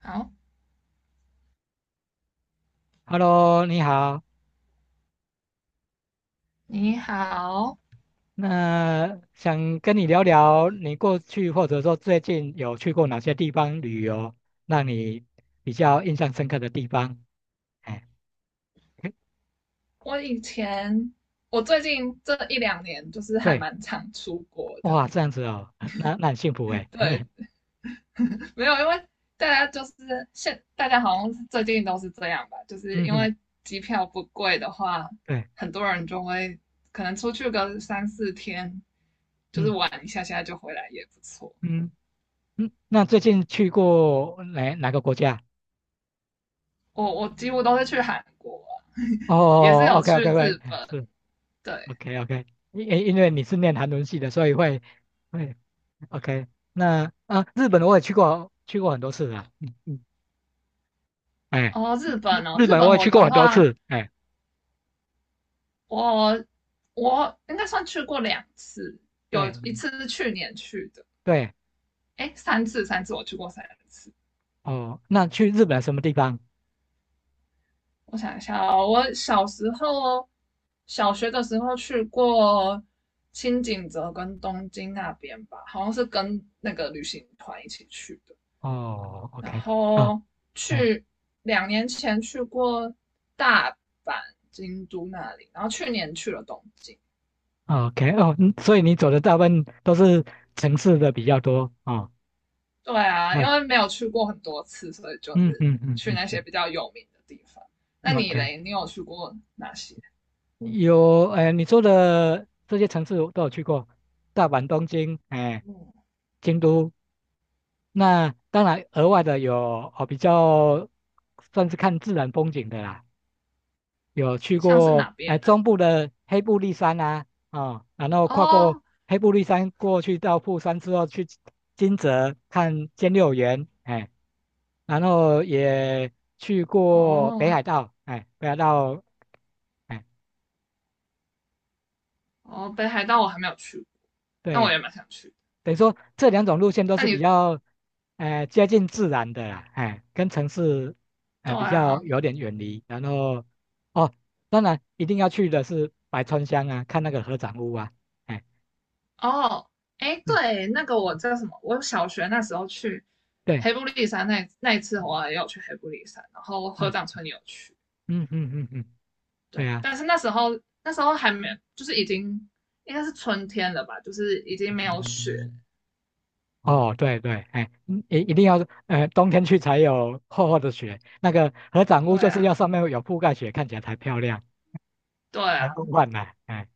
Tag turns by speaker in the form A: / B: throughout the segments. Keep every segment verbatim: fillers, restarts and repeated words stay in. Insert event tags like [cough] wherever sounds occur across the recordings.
A: 好，
B: Hello，你好。
A: 你好。
B: 那想跟你聊聊，你过去或者说最近有去过哪些地方旅游，让你比较印象深刻的地方？哎，诶
A: 我以前，我最近这一两年就是还
B: 对，
A: 蛮常出国的。
B: 哇，这样子哦，[laughs] 那那很幸福哎。[laughs]
A: 对，没有，因为大家就是现，大家好像最近都是这样吧，就是
B: 嗯
A: 因
B: 嗯，
A: 为机票不贵的话，
B: 对，
A: 很多人就会可能出去个三四天，就是
B: 嗯
A: 玩一下下就回来也不错。
B: 嗯嗯。那最近去过哪哪个国家？
A: 我我几乎都是去韩国啊，[laughs] 也是
B: 哦
A: 有
B: ，OK
A: 去
B: OK
A: 日
B: OK，
A: 本。
B: 是
A: 对，
B: OK OK。因因因为你是念韩文系的，所以会会 OK。那啊，日本我也去过，去过很多次了。嗯嗯哎，
A: 哦，日
B: 日
A: 本哦，
B: 日
A: 日
B: 本
A: 本
B: 我也
A: 我
B: 去过
A: 的
B: 很多
A: 话。
B: 次，哎，
A: 我我应该算去过两次，
B: 对
A: 有一次是去年去的，
B: 对，
A: 哎，三次三次我去过三次。
B: 哦，那去日本什么地方？
A: 我想一下哦，我小时候小学的时候去过青井泽跟东京那边吧，好像是跟那个旅行团一起去的。
B: 哦
A: 然
B: ，OK，啊，
A: 后
B: 哎
A: 去两年前去过大阪、京都那里，然后去年去了东京。
B: o k 哦，嗯所以你走的大部分都是城市的比较多哦，
A: 对啊，因为
B: 嗯
A: 没有去过很多次，所以就
B: 嗯
A: 是
B: 嗯嗯
A: 去那
B: 嗯
A: 些比较有名的地方。那
B: 嗯
A: 你
B: ，OK，
A: 嘞，你有去过哪些？
B: 有，哎，你说的这些城市我都有去过，大阪、东京，哎，京都，那当然额外的有哦，比较算是看自然风景的啦，有去
A: 像是
B: 过
A: 哪
B: 哎
A: 边呢、
B: 中部的黑部立山啊，哦，然后
A: 啊
B: 跨过
A: 哦
B: 黑部立山过去到富山之后，去金泽看兼六园，哎，然后也去过北
A: 哦
B: 海道，哎，北海道，哎，
A: 哦，北海道我还没有去过，那我
B: 对，
A: 也蛮想去。
B: 等于说这两种路线都
A: 那
B: 是比
A: 你
B: 较，哎，接近自然的啦，哎，跟城市，
A: 对
B: 哎，比较
A: 啊，
B: 有点远离，然后，哦，当然一定要去的是白川乡啊，看那个合掌屋啊，哎，
A: 哦，哎，
B: 嗯，
A: 对，那个我叫什么？我小学那时候去
B: 对。
A: 黑布利山那那一次，我也有去黑布利山，然后合
B: 嗯。
A: 掌村也有去。
B: 嗯嗯嗯嗯，对
A: 对，
B: 啊，
A: 但是那时候那时候还没，就是已经应该是春天了吧，就是已经没有雪
B: 嗯哦，对对，哎，嗯一一定要，呃，冬天去才有厚厚的雪，那个合掌屋
A: 对
B: 就是
A: 啊，
B: 要上面有覆盖雪，看起来才漂亮，
A: 对
B: 才
A: 啊，
B: 梦幻呢、哎，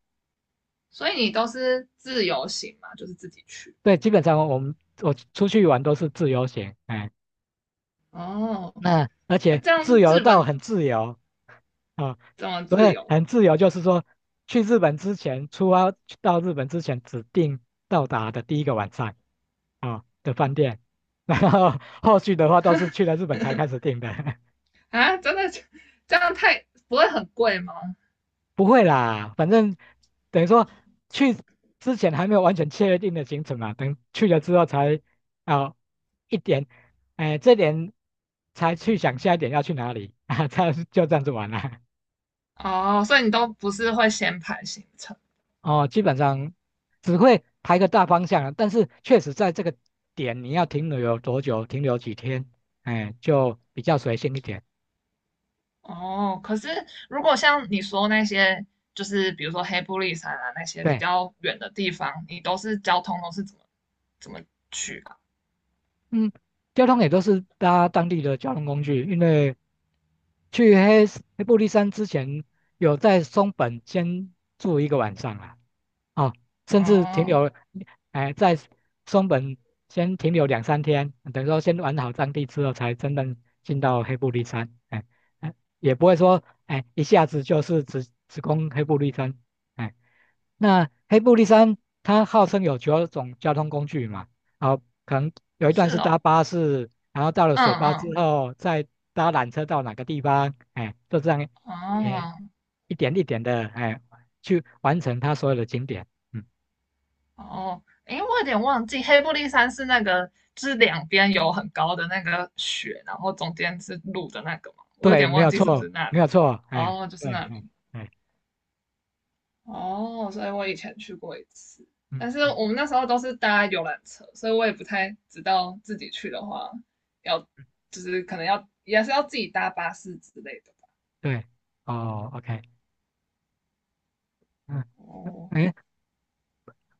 A: 所以你都是自由行嘛，就是自己去。
B: 对，基本上我们我出去玩都是自由行，哎。
A: 哦，
B: 那而
A: 那
B: 且
A: 这
B: 自
A: 样
B: 由
A: 日
B: 到
A: 本
B: 很自由啊，
A: 怎么
B: 所
A: 自
B: 以
A: 由
B: 很自由就是说，去日本之前，出发到日本之前指定到达的第一个晚上啊的饭店，[laughs] 然后后续的话都是去了日本才开始订的，
A: 啊？真的这样太不会很贵吗？
B: [laughs] 不会啦，反正等于说去之前还没有完全确定的行程嘛，等去了之后才啊一点，哎、这点才去想下一点要去哪里 [laughs] 啊，这样就这样子玩了。
A: 哦，所以你都不是会先排行程。
B: 哦，基本上只会排个大方向啊，但是确实在这个点你要停留有多久，停留几天，哎，就比较随性一点。
A: 哦，可是如果像你说那些，就是比如说黑布利山啊那些比
B: 对，
A: 较远的地方，你都是交通都是怎么怎么去啊？
B: 嗯，交通也都是搭当地的交通工具，因为去黑黑布利山之前有在松本先住一个晚上啊，哦，甚至停
A: 哦，
B: 留，哎，在松本先停留两三天，等于说先玩好当地之后，才真正进到黑部立山，哎，哎也不会说，哎，一下子就是直直攻黑部立山，哎，那黑部立山它号称有九种交通工具嘛，哦，可能有一
A: 是
B: 段是搭
A: 哦，
B: 巴士，然后到了
A: 嗯
B: 水坝之
A: 嗯，
B: 后再搭缆车到哪个地方，哎，就这样，哎，
A: 哦，
B: 一点一点的，哎，去完成它所有的景点。嗯，
A: 哦，诶，我有点忘记，黑布利山是那个，就是两边有很高的那个雪，然后中间是路的那个嘛，我有
B: 对，
A: 点
B: 没
A: 忘
B: 有
A: 记是不是
B: 错，
A: 那
B: 没
A: 里
B: 有
A: 了
B: 错，哎，
A: 哦，就是
B: 对，
A: 那里。
B: 嗯，哎，
A: 哦，所以我以前去过一次，
B: 嗯
A: 但是
B: 嗯，
A: 我们那时候都是搭游览车，所以我也不太知道自己去的话要，就是可能要也是要自己搭巴士之类的吧
B: 对，哦，OK，嗯，
A: 哦，
B: 哎，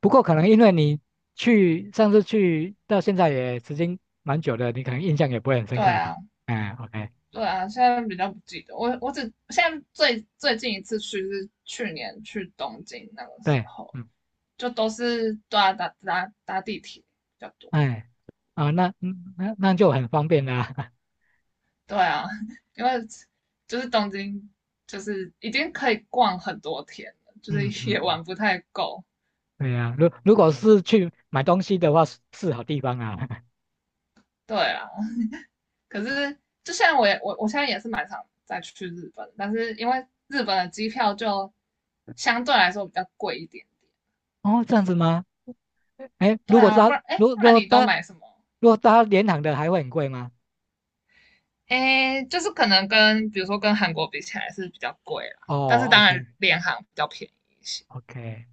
B: 不过可能因为你去上次去到现在也时间蛮久的，你可能印象也不会很深
A: 对
B: 刻了吧？
A: 啊，
B: 哎，OK，
A: 对啊，现在比较不记得，我我只现在最最近一次去是去年去东京那个时
B: 对，
A: 候，
B: 嗯，
A: 就都是对啊搭搭搭地铁比较多。
B: 哎，啊，那嗯那那就很方便啦，
A: 对啊，[laughs] 因为就是东京就是已经可以逛很多天了，
B: [laughs]
A: 就是
B: 嗯嗯
A: 也
B: 嗯，
A: 玩不太够。
B: 对呀、如如果是去买东西的话，是是好地方啊，
A: 对啊，可是就像我也我我现在也是蛮想再去日本，但是因为日本的机票就相对来说比较贵一点点。
B: 哦，这样子吗？哎，
A: 对
B: 如果
A: 啊，
B: 搭，
A: 不然哎，
B: 如如
A: 不然
B: 果
A: 你都
B: 搭，
A: 买什么？
B: 如果搭联航的还会很贵吗？
A: 诶，就是可能跟比如说跟韩国比起来是比较贵啦，但是
B: 哦
A: 当然
B: ，OK
A: 联航比较便宜一些。
B: OK，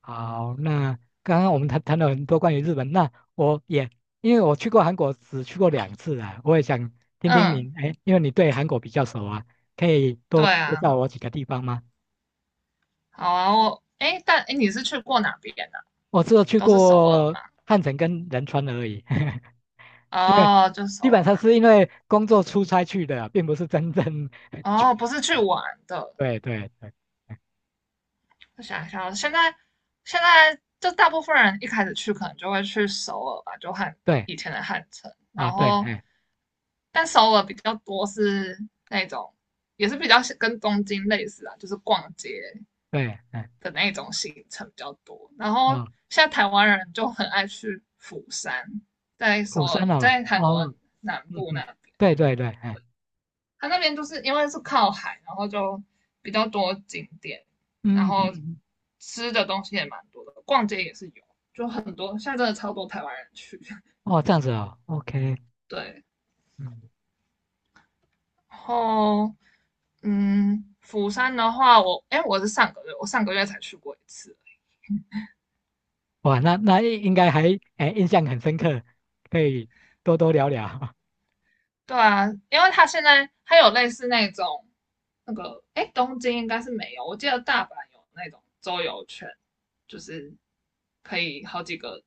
B: 好，那刚刚我们谈谈了很多关于日本，那我也因为我去过韩国，只去过两次啊，我也想听听
A: 嗯，
B: 您，哎，因为你对韩国比较熟啊，可以
A: 对
B: 多介
A: 啊，
B: 绍我几个地方吗？
A: 好啊，我诶，但诶，你是去过哪边呢啊？
B: 我只有去
A: 都是首尔
B: 过
A: 吗？
B: 汉城跟仁川而已，[laughs] 因为
A: 哦，就首
B: 基本
A: 尔
B: 上是因为工作出差去的啊，并不是真正 [laughs] 去
A: 那，哦，
B: 旅
A: 不
B: 游。
A: 是去玩的。
B: 对对对
A: 我想一下哦，现在现在就大部分人一开始去可能就会去首尔吧，就汉
B: 对。
A: 以前的汉城，
B: 啊，
A: 然
B: 对，
A: 后
B: 哎，
A: 但首尔比较多是那种也是比较跟东京类似啊，就是逛街，
B: 对，哎，
A: 的那种行程比较多。然后
B: 哦，
A: 现在台湾人就很爱去釜山，在首
B: 釜山哦，
A: 在韩国
B: 哦，
A: 南
B: 嗯
A: 部那
B: 嗯，
A: 边，
B: 对对对，哎，
A: 它那边就是因为是靠海，然后就比较多景点，然
B: 嗯
A: 后
B: 嗯，嗯
A: 吃的东西也蛮多的，逛街也是有，就很多现在真的超多台湾人去。[laughs]
B: 哦，这样子哦，OK，
A: 对，
B: 嗯，
A: 然后嗯，釜山的话，我哎我是上个月我上个月才去过一次，
B: 哇，那那应该还哎印象很深刻，可以多多聊聊，
A: 对啊，因为它现在它有类似那种那个，哎，东京应该是没有，我记得大阪有那种周游券，就是可以好几个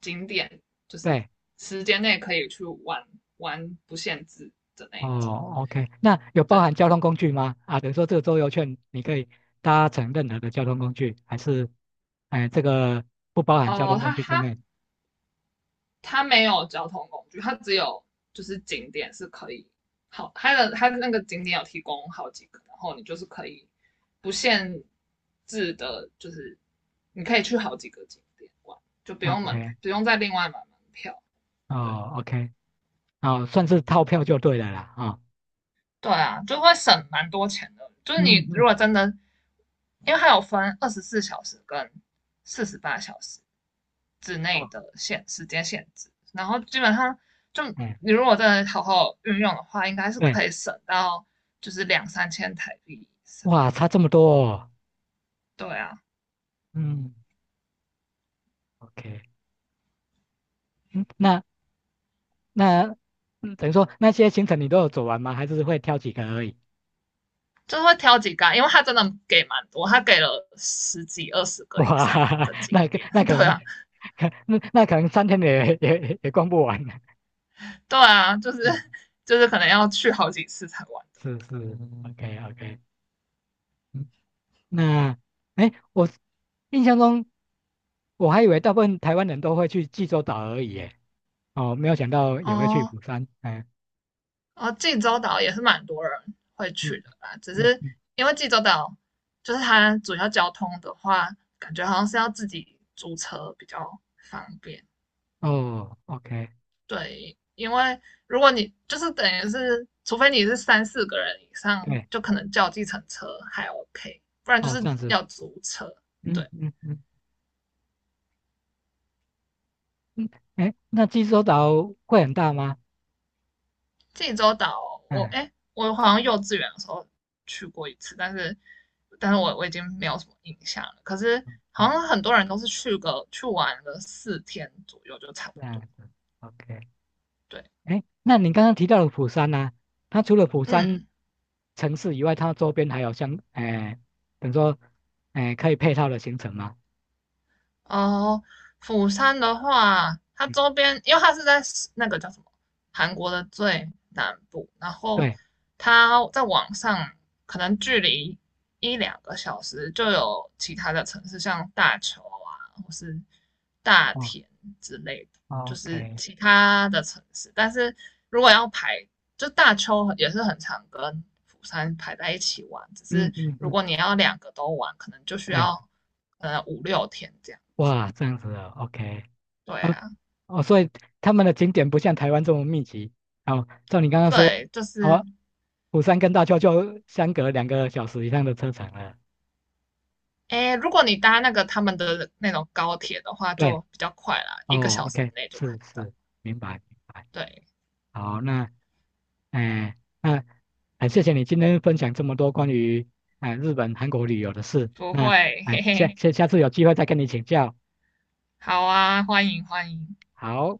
A: 景点，就
B: [laughs]
A: 是
B: 对，
A: 时间内可以去玩玩不限制的那一种。
B: 哦，OK，那有包含
A: 对，
B: 交通工具吗？啊，等于说这个周游券你可以搭乘任何的交通工具，还是哎这个不包含交
A: 哦，
B: 通工
A: 它
B: 具在
A: 它
B: 内
A: 它没有交通工具，它只有就是景点是可以好，它的它的那个景点有提供好几个，然后你就是可以不限制的，就是你可以去好几个景点玩，就不用门
B: ？OK，
A: 不用再另外买门票。对，
B: 哦，OK，哦，算是套票就对了啦，啊、哦
A: 对啊，就会省蛮多钱的。就是
B: 嗯
A: 你如
B: 嗯，
A: 果真的，因为它有分二十四小时跟四十八小时之
B: 哦，
A: 内的限时间限制，然后基本上就
B: 哎。
A: 你如果真的好好运用的话，应该是
B: 对。
A: 可以省到就是两三千台币以上。
B: 哇，差这么多哦。
A: 对啊，
B: 嗯，OK，嗯，那那嗯等于说那些行程你都有走完吗？还是会挑几个而已？
A: 就是会挑几个啊因为它真的给蛮多，它给了十几二十个
B: 哇，
A: 以上的
B: [laughs]
A: 景
B: 那个
A: 点。
B: 那
A: [laughs]
B: 可
A: 对
B: 能，
A: 啊，
B: 可那那可能三天也也也逛不完。[laughs]
A: 对啊，就是
B: 嗯，
A: 就是可能要去好几次才玩得
B: 是是，OK OK，嗯，那哎，我印象中我还以为大部分台湾人都会去济州岛而已，耶，哦，没有想到
A: 完。
B: 也会去
A: 哦，
B: 釜山。哎，
A: 哦，济州岛也是蛮多人会
B: 嗯
A: 去的吧，只
B: 嗯
A: 是
B: 嗯，
A: 因为济州岛就是它主要交通的话，感觉好像是要自己租车比较方便。
B: 哦，OK，
A: 对，因为如果你就是等于是，除非你是三四个人以上，
B: 对，
A: 就可能叫计程车还 OK，不然就
B: 哦，这
A: 是
B: 样子，
A: 要租车。
B: 嗯
A: 对，
B: 嗯嗯。嗯，哎，那济州岛会很大吗？
A: 济州岛，我
B: 嗯
A: 哎、欸我好像幼稚园的时候去过一次，但是但是我我已经没有什么印象了。可是
B: 嗯，
A: 好像很多人都是去个去玩了四天左右就差不
B: 这样
A: 多。
B: 子，OK。
A: 对，
B: 哎，那你刚刚提到的釜山呢、它除了釜山
A: 嗯。
B: 城市以外，它周边还有像，哎，等于说，哎，可以配套的行程吗？
A: 哦，釜山的话，它
B: 嗯，
A: 周边，因为它是在那个叫什么韩国的最南部，然后
B: 对，
A: 它在网上可能距离一两个小时就有其他的城市，像大邱啊，或是大
B: 哦
A: 田之类的，就是
B: ，OK，
A: 其他的城市。但是如果要排，就大邱也是很常跟釜山排在一起玩，只
B: 嗯
A: 是
B: 嗯
A: 如
B: 嗯，
A: 果你要两个都玩，可能就需
B: 对，
A: 要呃五六天这样。
B: 哇，这样子的，OK，
A: 对
B: 哦
A: 啊，
B: 哦，所以他们的景点不像台湾这么密集。哦，照你刚刚说，
A: 对，就是，
B: 哦，釜山跟大邱就相隔两个小时以上的车程了。
A: 诶，如果你搭那个他们的那种高铁的话，
B: 对，
A: 就比较快啦，一个
B: 哦
A: 小时
B: ，OK，
A: 内就可
B: 是
A: 以到。
B: 是，明白明白。
A: 对，
B: 好，那，哎、那，哎、谢谢你今天分享这么多关于哎、日本、韩国旅游的事。
A: 不
B: 那，
A: 会，嘿
B: 哎、下
A: 嘿，
B: 下下次有机会再跟你请教。
A: 好啊，欢迎欢迎。
B: 好。